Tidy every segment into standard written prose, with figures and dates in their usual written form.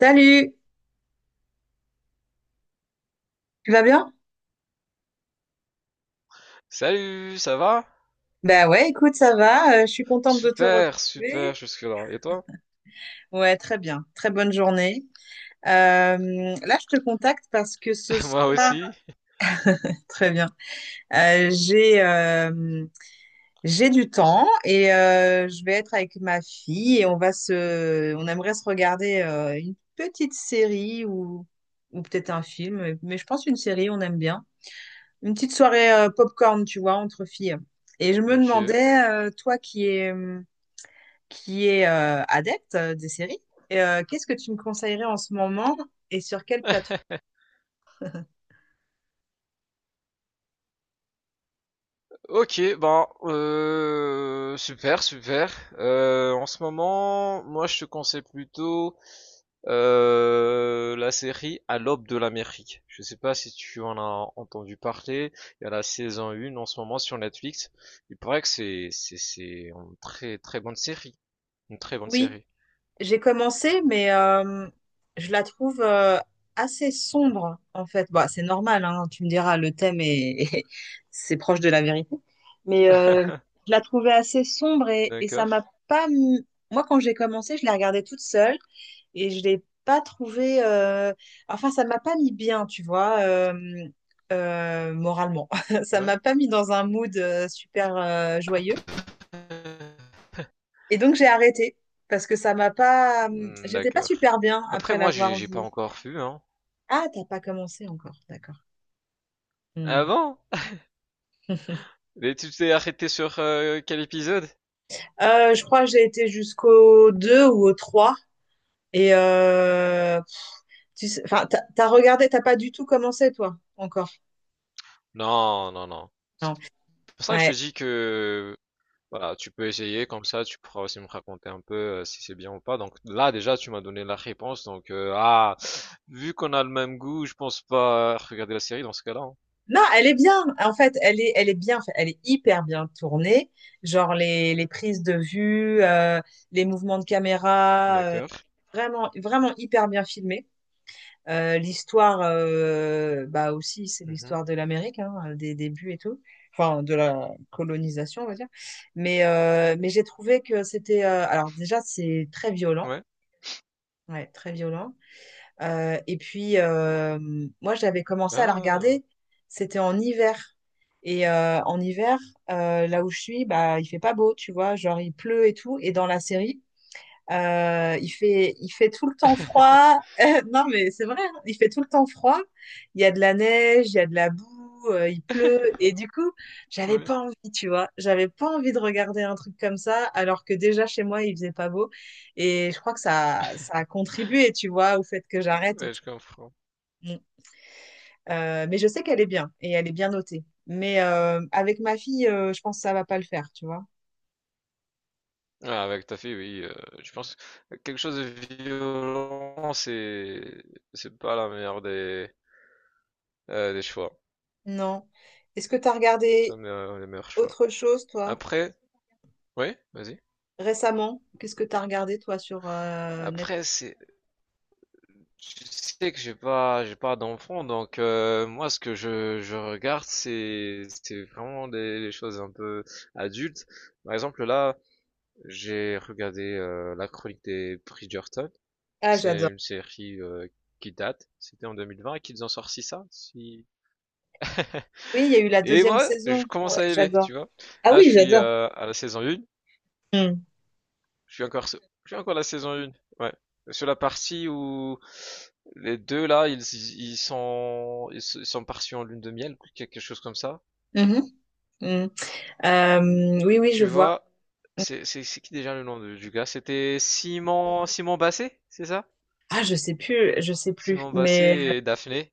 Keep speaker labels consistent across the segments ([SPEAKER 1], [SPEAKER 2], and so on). [SPEAKER 1] Salut, tu vas bien?
[SPEAKER 2] Salut, ça va?
[SPEAKER 1] Bah ouais, écoute, ça va. Je suis contente de te
[SPEAKER 2] Super, super
[SPEAKER 1] retrouver.
[SPEAKER 2] jusque-là. Et toi?
[SPEAKER 1] Ouais, très bien. Très bonne journée. Euh, Là, je te contacte parce que ce
[SPEAKER 2] Moi
[SPEAKER 1] soir,
[SPEAKER 2] aussi.
[SPEAKER 1] très bien. J'ai j'ai du temps et je vais être avec ma fille et on va se, on aimerait se regarder une petite série ou peut-être un film, mais je pense une série, on aime bien. Une petite soirée popcorn, tu vois, entre filles. Et je me
[SPEAKER 2] Ok.
[SPEAKER 1] demandais, toi qui es qui est adepte des séries. Et, qu'est-ce que tu me conseillerais en ce moment et sur quelle plateforme?
[SPEAKER 2] Ok, ben, super, super. En ce moment, moi je te conseille plutôt la série À l'aube de l'Amérique. Je sais pas si tu en as entendu parler. Il y a la saison 1 en ce moment sur Netflix. Il paraît que c'est une très très bonne série, une très bonne série.
[SPEAKER 1] J'ai commencé, mais je la trouve assez sombre, en fait. Bah, c'est normal, hein, tu me diras, le thème est c'est proche de la vérité. Mais je la trouvais assez sombre et ça m'a
[SPEAKER 2] D'accord.
[SPEAKER 1] pas. Moi, quand j'ai commencé, je l'ai regardée toute seule et je l'ai pas trouvée. Enfin, ça m'a pas mis bien, tu vois, moralement. Ça
[SPEAKER 2] Ouais.
[SPEAKER 1] m'a pas mis dans un mood super joyeux. Et donc j'ai arrêté parce que ça m'a pas,
[SPEAKER 2] Mmh,
[SPEAKER 1] j'étais pas
[SPEAKER 2] d'accord.
[SPEAKER 1] super bien
[SPEAKER 2] Après
[SPEAKER 1] après
[SPEAKER 2] moi
[SPEAKER 1] l'avoir
[SPEAKER 2] j'ai pas
[SPEAKER 1] vu.
[SPEAKER 2] encore vu, hein.
[SPEAKER 1] Ah, t'as pas commencé encore, d'accord.
[SPEAKER 2] Ah
[SPEAKER 1] Hmm.
[SPEAKER 2] bon? Mais tu t'es arrêté sur, quel épisode?
[SPEAKER 1] Je crois que j'ai été jusqu'au 2 ou au 3. Et tu sais, enfin, t'as regardé, t'as pas du tout commencé, toi, encore.
[SPEAKER 2] Non, non, non. C'est
[SPEAKER 1] Non.
[SPEAKER 2] pour ça que je te
[SPEAKER 1] Ouais.
[SPEAKER 2] dis que, voilà, tu peux essayer comme ça, tu pourras aussi me raconter un peu, si c'est bien ou pas. Donc là déjà tu m'as donné la réponse donc, ah, vu qu'on a le même goût, je pense pas regarder la série dans ce cas-là, hein.
[SPEAKER 1] Non, elle est bien. En fait, elle est bien. Elle est hyper bien tournée. Genre les prises de vue, les mouvements de caméra,
[SPEAKER 2] D'accord.
[SPEAKER 1] vraiment hyper bien filmé. L'histoire, bah aussi, c'est
[SPEAKER 2] Mmh.
[SPEAKER 1] l'histoire de l'Amérique, hein, des débuts et tout, enfin de la colonisation, on va dire. Mais j'ai trouvé que c'était, alors déjà, c'est très violent,
[SPEAKER 2] Ouais.
[SPEAKER 1] ouais, très violent. Euh, et puis, euh, moi, j'avais commencé à la
[SPEAKER 2] Ah!
[SPEAKER 1] regarder, c'était en hiver. Et en hiver, là où je suis, bah, il fait pas beau, tu vois, genre il pleut et tout. Et dans la série, il fait tout le temps froid. Non, mais c'est vrai, hein, il fait tout le temps froid. Il y a de la neige, il y a de la boue, il pleut. Et du coup, j'avais
[SPEAKER 2] Ouais,
[SPEAKER 1] pas envie, tu vois. J'avais pas envie de regarder un truc comme ça, alors que déjà chez moi, il faisait pas beau. Et je crois que ça a contribué, tu vois, au fait que j'arrête
[SPEAKER 2] ouais,
[SPEAKER 1] aussi.
[SPEAKER 2] je comprends.
[SPEAKER 1] Mm. Mais je sais qu'elle est bien et elle est bien notée. Mais avec ma fille, je pense que ça va pas le faire, tu vois.
[SPEAKER 2] Ah ouais, tout à fait, oui. Je pense que quelque chose de violent, c'est pas la meilleure des des choix.
[SPEAKER 1] Non. Est-ce que tu as
[SPEAKER 2] C'est pas
[SPEAKER 1] regardé
[SPEAKER 2] le meilleur choix.
[SPEAKER 1] autre chose, toi?
[SPEAKER 2] Après, oui, vas-y.
[SPEAKER 1] Récemment, qu'est-ce que tu as regardé toi sur Netflix?
[SPEAKER 2] Après, c'est je sais que j'ai pas d'enfant, donc moi ce que je regarde, c'est vraiment des choses un peu adultes. Par exemple, là, j'ai regardé La Chronique des Bridgerton.
[SPEAKER 1] Ah,
[SPEAKER 2] C'est
[SPEAKER 1] j'adore.
[SPEAKER 2] une série qui date. C'était en 2020 qu'ils ont sorti ça, si.
[SPEAKER 1] Oui, il y a eu la
[SPEAKER 2] Et
[SPEAKER 1] deuxième
[SPEAKER 2] moi, je
[SPEAKER 1] saison.
[SPEAKER 2] commence
[SPEAKER 1] Ouais,
[SPEAKER 2] à aimer,
[SPEAKER 1] j'adore.
[SPEAKER 2] tu vois.
[SPEAKER 1] Ah
[SPEAKER 2] Là, je
[SPEAKER 1] oui,
[SPEAKER 2] suis
[SPEAKER 1] j'adore.
[SPEAKER 2] à la saison 1.
[SPEAKER 1] Hmm.
[SPEAKER 2] Je suis encore, je suis encore à la saison 1. Ouais. Sur la partie où les deux là, ils sont partis en lune de miel, quelque chose comme ça.
[SPEAKER 1] Mhm. Hmm. Oui, oui, je
[SPEAKER 2] Tu
[SPEAKER 1] vois.
[SPEAKER 2] vois, c'est qui déjà le nom du gars? C'était Simon Basset, c'est ça?
[SPEAKER 1] Ah, je sais plus, je sais plus.
[SPEAKER 2] Simon
[SPEAKER 1] Mais
[SPEAKER 2] Basset et Daphné.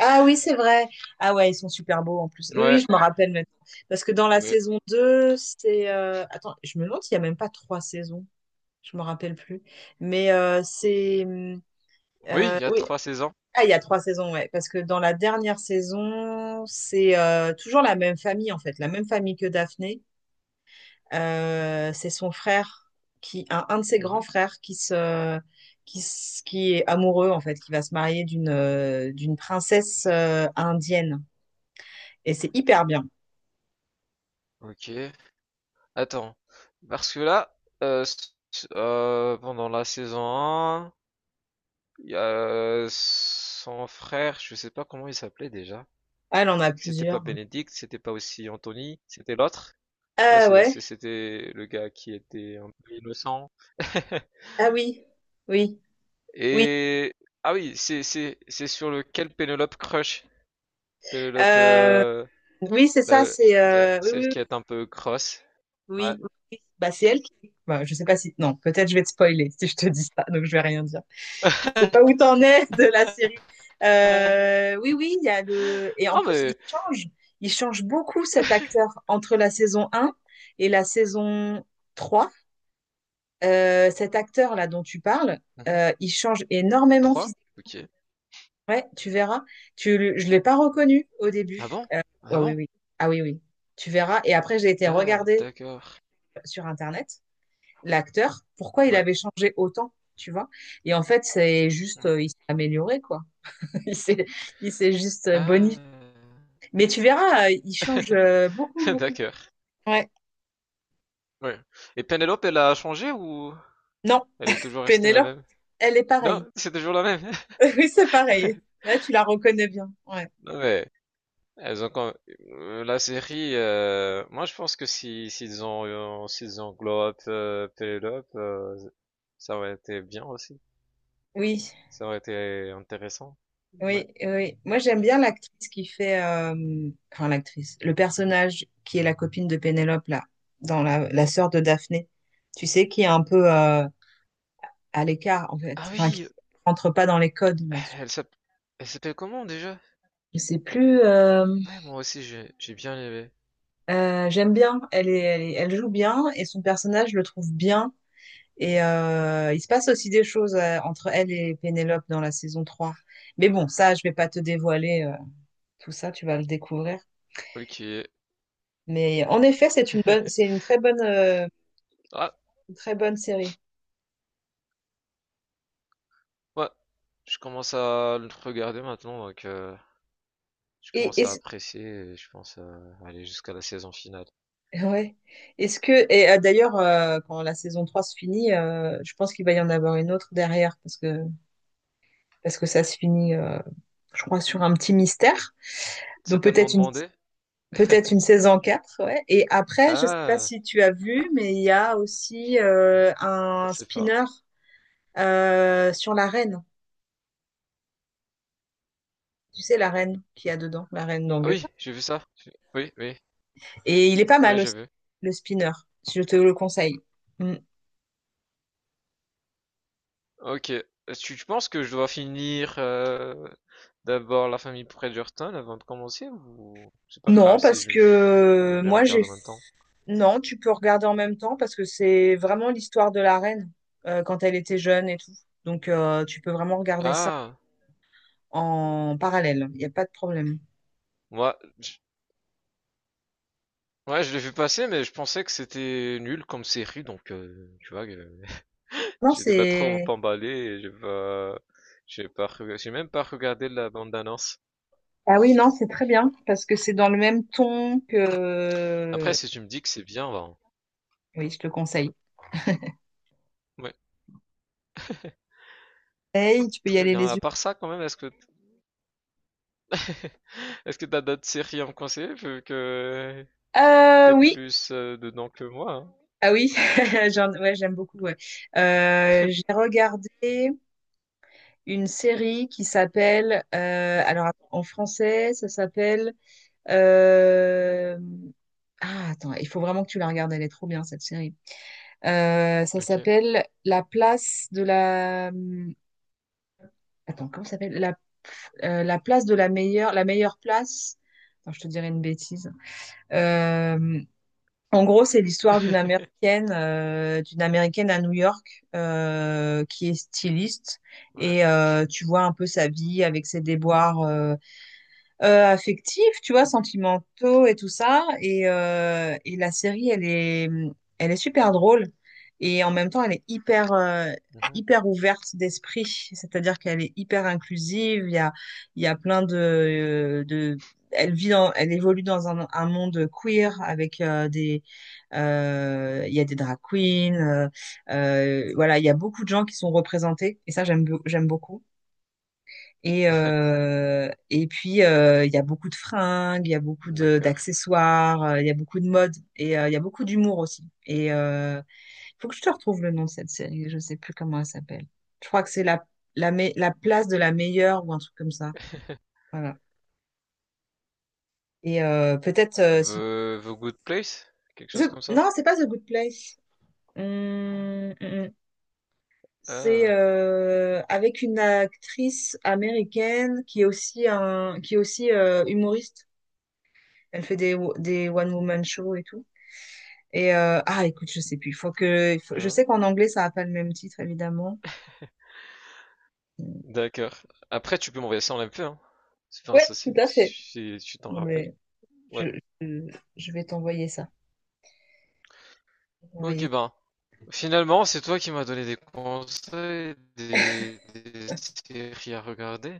[SPEAKER 1] ah oui, c'est vrai. Ah ouais, ils sont super beaux en plus. Oui, oui,
[SPEAKER 2] Ouais,
[SPEAKER 1] je me rappelle maintenant. Parce que dans la
[SPEAKER 2] ouais.
[SPEAKER 1] saison 2, c'est attends, je me demande s'il y a même pas trois saisons. Je me rappelle plus. Mais c'est mmh,
[SPEAKER 2] Oui, il y a
[SPEAKER 1] oui,
[SPEAKER 2] trois saisons.
[SPEAKER 1] ah, il y a trois saisons, ouais. Parce que dans la dernière saison, c'est toujours la même famille, en fait, la même famille que Daphné. C'est son frère, qui, un de ses grands
[SPEAKER 2] Mhm.
[SPEAKER 1] frères, qui, qui est amoureux, en fait, qui va se marier d'une princesse indienne. Et c'est hyper bien.
[SPEAKER 2] Ok. Attends. Parce que là, euh, s- pendant la saison 1, il y a son frère, je sais pas comment il s'appelait déjà.
[SPEAKER 1] Ah, elle en a
[SPEAKER 2] C'était pas
[SPEAKER 1] plusieurs.
[SPEAKER 2] Bénédicte, c'était pas aussi Anthony, c'était l'autre. Ouais,
[SPEAKER 1] Ah ouais?
[SPEAKER 2] c'était le gars qui était un peu innocent.
[SPEAKER 1] Ah oui, oui. Oui,
[SPEAKER 2] Et ah oui, c'est sur lequel Pénélope crush. Pénélope,
[SPEAKER 1] euh, oui, c'est ça, c'est oui,
[SPEAKER 2] celle
[SPEAKER 1] oui,
[SPEAKER 2] qui est un peu cross. Ouais.
[SPEAKER 1] oui, oui. Bah, c'est elle qui. Bah, je sais pas si. Non, peut-être je vais te spoiler si je te dis ça, donc je vais rien dire. Je sais pas où t'en es de la série. Oui, oui, il y a le. Et en
[SPEAKER 2] Ah
[SPEAKER 1] plus, il
[SPEAKER 2] mais.
[SPEAKER 1] change. Il change beaucoup cet acteur entre la saison un et la saison 3. Cet acteur-là dont tu parles,
[SPEAKER 2] Mhm.
[SPEAKER 1] il change énormément.
[SPEAKER 2] Trois? Ok.
[SPEAKER 1] Ouais, tu verras. Je l'ai pas reconnu au début.
[SPEAKER 2] Ah bon?
[SPEAKER 1] Euh, ouais,
[SPEAKER 2] Ah
[SPEAKER 1] oui,
[SPEAKER 2] bon?
[SPEAKER 1] oui. Ah oui, oui. Tu verras. Et après, j'ai été
[SPEAKER 2] Ah
[SPEAKER 1] regarder
[SPEAKER 2] d'accord.
[SPEAKER 1] sur Internet l'acteur, pourquoi il
[SPEAKER 2] Ouais.
[SPEAKER 1] avait changé autant, tu vois. Et en fait, c'est juste,
[SPEAKER 2] Ouais.
[SPEAKER 1] il s'est amélioré, quoi. Il s'est, il s'est juste bonifié.
[SPEAKER 2] Ah
[SPEAKER 1] Mais tu verras, il change beaucoup, beaucoup.
[SPEAKER 2] d'accord.
[SPEAKER 1] Ouais.
[SPEAKER 2] Ouais. Et Penelope, elle a changé ou
[SPEAKER 1] Non,
[SPEAKER 2] elle est toujours restée la
[SPEAKER 1] Pénélope,
[SPEAKER 2] même?
[SPEAKER 1] elle est
[SPEAKER 2] Non,
[SPEAKER 1] pareille.
[SPEAKER 2] c'est toujours la même.
[SPEAKER 1] Oui, c'est pareil. Là, tu la reconnais bien. Ouais.
[SPEAKER 2] Non mais elles ont quand- la série. Moi, je pense que si s'ils ont s'ils englobent Penelope, ça aurait été bien aussi.
[SPEAKER 1] Oui.
[SPEAKER 2] Ça aurait été intéressant. Ouais.
[SPEAKER 1] Oui, oui. Moi, j'aime bien l'actrice qui fait, enfin l'actrice, le personnage qui est la copine de Pénélope là, dans la sœur de Daphné. Tu sais qui est un peu à l'écart en fait,
[SPEAKER 2] Ah
[SPEAKER 1] enfin qui
[SPEAKER 2] oui,
[SPEAKER 1] rentre pas dans les codes là-dessus.
[SPEAKER 2] elle s'appelle elle s'appelle comment déjà?
[SPEAKER 1] Je sais plus.
[SPEAKER 2] Ouais, moi aussi j'ai bien aimé.
[SPEAKER 1] J'aime bien. Elle joue bien et son personnage je le trouve bien. Et il se passe aussi des choses entre elle et Pénélope dans la saison 3. Mais bon, ça, je vais pas te dévoiler tout ça. Tu vas le découvrir.
[SPEAKER 2] Ok.
[SPEAKER 1] Mais en effet, c'est
[SPEAKER 2] Ah,
[SPEAKER 1] une très bonne série.
[SPEAKER 2] ouais. Je commence à le regarder maintenant, donc. Je
[SPEAKER 1] Et
[SPEAKER 2] commence à
[SPEAKER 1] est-ce,
[SPEAKER 2] apprécier et je pense à aller jusqu'à la saison finale.
[SPEAKER 1] ouais. Est-ce que, et quand la saison 3 se finit, je pense qu'il va y en avoir une autre derrière parce que ça se finit, je crois, sur un petit mystère.
[SPEAKER 2] C'est
[SPEAKER 1] Donc
[SPEAKER 2] tellement
[SPEAKER 1] peut-être une,
[SPEAKER 2] demandé?
[SPEAKER 1] peut-être une saison 4. Ouais. Et après, je sais pas
[SPEAKER 2] Ah,
[SPEAKER 1] si tu as vu, mais il y a aussi
[SPEAKER 2] je
[SPEAKER 1] un
[SPEAKER 2] pensais pas.
[SPEAKER 1] spinner sur la reine. Tu sais, la reine qu'il y a dedans, la reine
[SPEAKER 2] Ah
[SPEAKER 1] d'Angleterre.
[SPEAKER 2] oui, j'ai vu ça. Oui, oui,
[SPEAKER 1] Et il est pas
[SPEAKER 2] oui, Ouais,
[SPEAKER 1] mal
[SPEAKER 2] j'ai
[SPEAKER 1] aussi,
[SPEAKER 2] vu.
[SPEAKER 1] le spinner. Si, je te le conseille. Mm.
[SPEAKER 2] Ok. Est-ce que tu penses que je dois finir d'abord la famille Bridgerton avant de commencer ou c'est pas
[SPEAKER 1] Non,
[SPEAKER 2] grave si
[SPEAKER 1] parce que
[SPEAKER 2] je les
[SPEAKER 1] moi, j'ai...
[SPEAKER 2] regarde en même temps?
[SPEAKER 1] Non, tu peux regarder en même temps parce que c'est vraiment l'histoire de la reine quand elle était jeune et tout. Donc, tu peux vraiment regarder ça
[SPEAKER 2] Ah,
[SPEAKER 1] en parallèle. Il n'y a pas de problème.
[SPEAKER 2] moi, ouais, je l'ai vu passer, mais je pensais que c'était nul comme série, donc tu vois,
[SPEAKER 1] Non,
[SPEAKER 2] j'étais pas trop
[SPEAKER 1] c'est...
[SPEAKER 2] emballé et j'ai même pas regardé la bande-annonce.
[SPEAKER 1] Ah oui, non, c'est très bien parce que c'est dans le même ton
[SPEAKER 2] Après,
[SPEAKER 1] que...
[SPEAKER 2] si tu me dis que c'est bien, ben,
[SPEAKER 1] Oui, je te le conseille.
[SPEAKER 2] ouais,
[SPEAKER 1] Hey, tu peux y
[SPEAKER 2] très
[SPEAKER 1] aller
[SPEAKER 2] bien.
[SPEAKER 1] les
[SPEAKER 2] À
[SPEAKER 1] yeux.
[SPEAKER 2] part ça, quand même, est-ce que, est-ce que t'as d'autres séries à me conseiller vu que
[SPEAKER 1] Euh,
[SPEAKER 2] t'es
[SPEAKER 1] oui,
[SPEAKER 2] plus dedans que moi, hein.
[SPEAKER 1] ah oui, ouais, j'aime beaucoup. Ouais. J'ai regardé. Une série qui s'appelle, en français, ça s'appelle, euh, ah attends, il faut vraiment que tu la regardes, elle est trop bien cette série. Ça
[SPEAKER 2] Ok.
[SPEAKER 1] s'appelle La place de la, attends, comment ça s'appelle? La, la place de la meilleure place. Attends, je te dirais une bêtise. Euh, En gros, c'est l'histoire d'une américaine à New York qui est styliste
[SPEAKER 2] Ouais.
[SPEAKER 1] et tu vois un peu sa vie avec ses déboires. Affectifs, tu vois, sentimentaux et tout ça. Et la série, elle est super drôle. Et en même temps,
[SPEAKER 2] Mhm.
[SPEAKER 1] hyper ouverte d'esprit. C'est-à-dire qu'elle est hyper inclusive. Il y a plein de... Elle évolue dans un monde queer avec il y a des drag queens, voilà, il y a beaucoup de gens qui sont représentés et ça j'aime, j'aime beaucoup. Il y a beaucoup de fringues, il y a beaucoup de-
[SPEAKER 2] D'accord.
[SPEAKER 1] d'accessoires, il y a beaucoup de mode et il y a beaucoup d'humour aussi. Il faut que je te retrouve le nom de cette série, je sais plus comment elle s'appelle. Je crois que c'est la place de la meilleure ou un truc comme ça. Voilà. Et peut-être Si...
[SPEAKER 2] The Good Place? Quelque chose
[SPEAKER 1] The-
[SPEAKER 2] comme ça?
[SPEAKER 1] non, c'est pas The Good Place. Hum, hum, hum. C'est
[SPEAKER 2] Ah,
[SPEAKER 1] avec une actrice américaine qui est aussi, qui est aussi humoriste. Elle fait des one-woman shows et tout. Et ah, écoute, je sais plus. Il faut que, il faut- Je
[SPEAKER 2] hein,
[SPEAKER 1] sais qu'en anglais, ça n'a pas le même titre, évidemment.
[SPEAKER 2] d'accord. Après, tu peux m'envoyer ça en MP, hein. C'est pas un
[SPEAKER 1] Ouais, tout
[SPEAKER 2] souci,
[SPEAKER 1] à
[SPEAKER 2] si
[SPEAKER 1] fait.
[SPEAKER 2] tu si tu t'en
[SPEAKER 1] Non,
[SPEAKER 2] rappelles.
[SPEAKER 1] mais je,
[SPEAKER 2] Ouais.
[SPEAKER 1] je, je vais t'envoyer ça. Je vais t'envoyer
[SPEAKER 2] Ok,
[SPEAKER 1] ça.
[SPEAKER 2] ben, finalement, c'est toi qui m'as donné des conseils, des séries à regarder.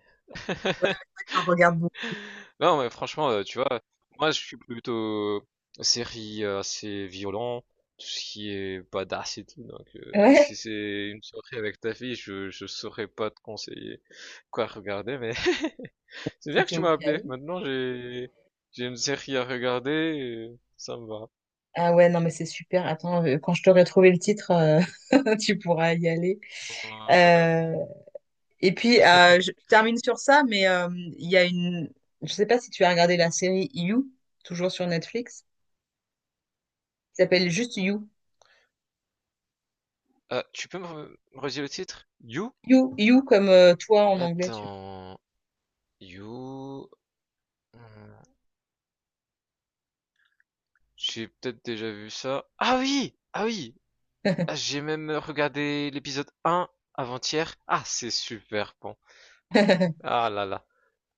[SPEAKER 1] J'en regarde beaucoup.
[SPEAKER 2] Non, mais franchement, tu vois, moi je suis plutôt euh, série assez violent, tout ce qui est badass et tout. Donc, si
[SPEAKER 1] Ouais,
[SPEAKER 2] c'est une soirée avec ta fille, je saurais pas te conseiller quoi regarder, mais c'est bien que
[SPEAKER 1] c'était
[SPEAKER 2] tu
[SPEAKER 1] au
[SPEAKER 2] m'as
[SPEAKER 1] cas
[SPEAKER 2] appelé.
[SPEAKER 1] où.
[SPEAKER 2] Maintenant, j'ai une série à regarder, et ça me va.
[SPEAKER 1] Ah ouais, non, mais c'est super. Attends, quand je t'aurai trouvé le titre, tu pourras y aller.
[SPEAKER 2] Ouais.
[SPEAKER 1] Euh, je termine sur ça, mais il y a une... Je sais pas si tu as regardé la série You, toujours sur Netflix, qui s'appelle juste You.
[SPEAKER 2] Ah, tu peux me redire le titre? You?
[SPEAKER 1] You, you comme toi en anglais, tu
[SPEAKER 2] Attends. You... hmm, j'ai peut-être déjà vu ça. Ah oui! Ah oui!
[SPEAKER 1] vois.
[SPEAKER 2] Ah, j'ai même regardé l'épisode un avant-hier. Ah, c'est super bon. Ah là là.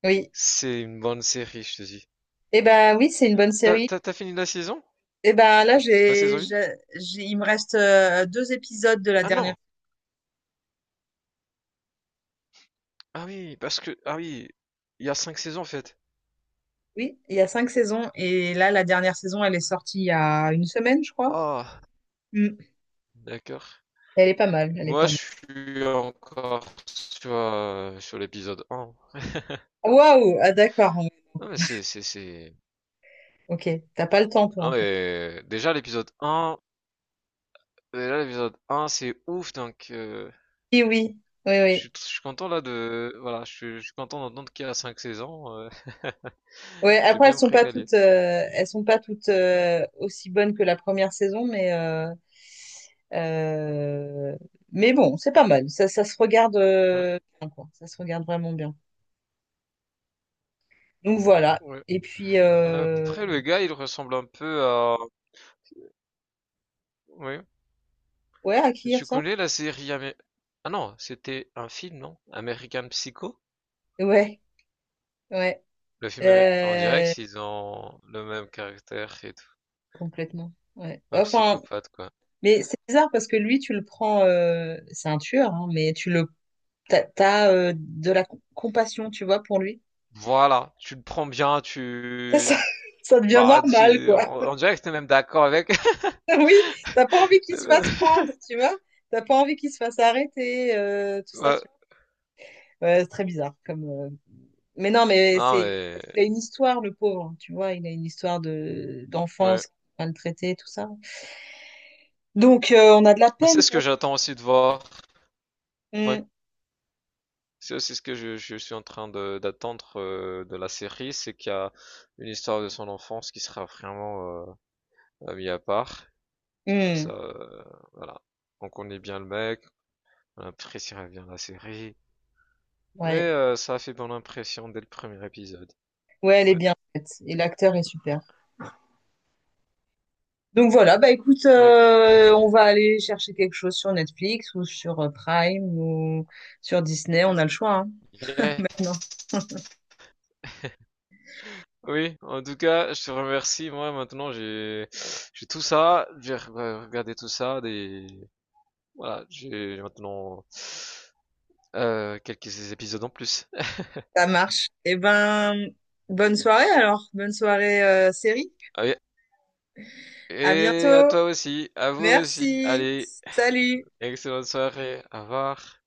[SPEAKER 1] Oui.
[SPEAKER 2] C'est une bonne série, je te dis.
[SPEAKER 1] Eh ben oui, c'est une bonne série.
[SPEAKER 2] T'as fini la saison?
[SPEAKER 1] Eh ben là,
[SPEAKER 2] La saison 1?
[SPEAKER 1] il me reste deux épisodes de la
[SPEAKER 2] Ah
[SPEAKER 1] dernière.
[SPEAKER 2] non! Ah oui, parce que... Ah oui, il y a cinq saisons en fait.
[SPEAKER 1] Oui, il y a cinq saisons et là, la dernière saison, elle est sortie il y a une semaine, je crois.
[SPEAKER 2] Ah,
[SPEAKER 1] Mm.
[SPEAKER 2] d'accord.
[SPEAKER 1] Elle est pas mal, elle est
[SPEAKER 2] Moi,
[SPEAKER 1] pas
[SPEAKER 2] je
[SPEAKER 1] mal.
[SPEAKER 2] suis encore sur l'épisode un.
[SPEAKER 1] Ah, waouh, ah d'accord.
[SPEAKER 2] Non mais c'est...
[SPEAKER 1] Ok, t'as pas le temps toi
[SPEAKER 2] Non
[SPEAKER 1] en fait.
[SPEAKER 2] mais... Déjà, l'épisode un. Et là, l'épisode un c'est ouf, donc
[SPEAKER 1] Oui, oui, oui, oui.
[SPEAKER 2] je suis content là de... Voilà, je suis content d'entendre qu'il y a 5 saisons.
[SPEAKER 1] Ouais,
[SPEAKER 2] Je vais
[SPEAKER 1] après,
[SPEAKER 2] bien me régaler.
[SPEAKER 1] elles sont pas toutes aussi bonnes que la première saison, euh, mais bon, c'est pas mal. Ça se regarde
[SPEAKER 2] Ouais,
[SPEAKER 1] bien, quoi. Ça se regarde vraiment bien. Donc voilà.
[SPEAKER 2] ouais.
[SPEAKER 1] Et puis, euh,
[SPEAKER 2] Après, le gars, il ressemble un peu à... Oui.
[SPEAKER 1] ouais, à
[SPEAKER 2] Tu
[SPEAKER 1] ça,
[SPEAKER 2] connais la série... Ah non, c'était un film, non? American Psycho?
[SPEAKER 1] ouais, ouais,
[SPEAKER 2] Le film... On dirait
[SPEAKER 1] Euh,
[SPEAKER 2] qu'ils ont le même caractère et tout.
[SPEAKER 1] complètement. Ouais.
[SPEAKER 2] Un
[SPEAKER 1] Enfin,
[SPEAKER 2] psychopathe, quoi.
[SPEAKER 1] mais c'est bizarre parce que lui, tu le prends, c'est un tueur, hein, t'as, de la compassion, tu vois, pour lui.
[SPEAKER 2] Voilà, tu le prends bien,
[SPEAKER 1] Ça,
[SPEAKER 2] tu...
[SPEAKER 1] ça devient
[SPEAKER 2] Bah,
[SPEAKER 1] normal,
[SPEAKER 2] tu...
[SPEAKER 1] quoi.
[SPEAKER 2] on dirait que t'es même d'accord avec...
[SPEAKER 1] Oui, t'as pas envie qu'il
[SPEAKER 2] T'es
[SPEAKER 1] se
[SPEAKER 2] même-
[SPEAKER 1] fasse prendre, tu vois. T'as pas envie qu'il se fasse arrêter, tout ça.
[SPEAKER 2] Ouais,
[SPEAKER 1] Ouais, c'est très bizarre. Mais non, mais
[SPEAKER 2] non,
[SPEAKER 1] c'est
[SPEAKER 2] mais
[SPEAKER 1] parce qu'il a une histoire, le pauvre. Hein, tu vois, il a une histoire de
[SPEAKER 2] ouais.
[SPEAKER 1] d'enfance maltraitée, tout ça. Donc, on a de la
[SPEAKER 2] C'est
[SPEAKER 1] peine
[SPEAKER 2] ce que
[SPEAKER 1] pour.
[SPEAKER 2] j'attends aussi de voir. Ouais.
[SPEAKER 1] Mm,
[SPEAKER 2] C'est aussi ce que je suis en train de d'attendre de la série, c'est qu'il y a une histoire de son enfance qui sera vraiment mise à part. Comme
[SPEAKER 1] mm,
[SPEAKER 2] ça, voilà. On connaît bien le mec, on appréciera bien la série. Mais
[SPEAKER 1] ouais,
[SPEAKER 2] ça a fait bonne impression dès le premier épisode.
[SPEAKER 1] ouais, elle est
[SPEAKER 2] Ouais.
[SPEAKER 1] bien en fait. Et l'acteur est super. Donc voilà, bah écoute,
[SPEAKER 2] Oui.
[SPEAKER 1] on va aller chercher quelque chose sur Netflix ou sur Prime ou sur Disney. On a le choix, hein,
[SPEAKER 2] Yeah.
[SPEAKER 1] maintenant.
[SPEAKER 2] Oui. En tout cas, je te remercie. Moi, maintenant, j'ai tout ça. Regardé tout ça, des. Voilà, j'ai maintenant quelques épisodes en plus.
[SPEAKER 1] Ça marche. Eh ben, bonne soirée alors. Bonne soirée série.
[SPEAKER 2] Ah oui,
[SPEAKER 1] À
[SPEAKER 2] et à
[SPEAKER 1] bientôt.
[SPEAKER 2] toi aussi, à vous aussi.
[SPEAKER 1] Merci.
[SPEAKER 2] Allez,
[SPEAKER 1] Salut.
[SPEAKER 2] excellente soirée. Au revoir.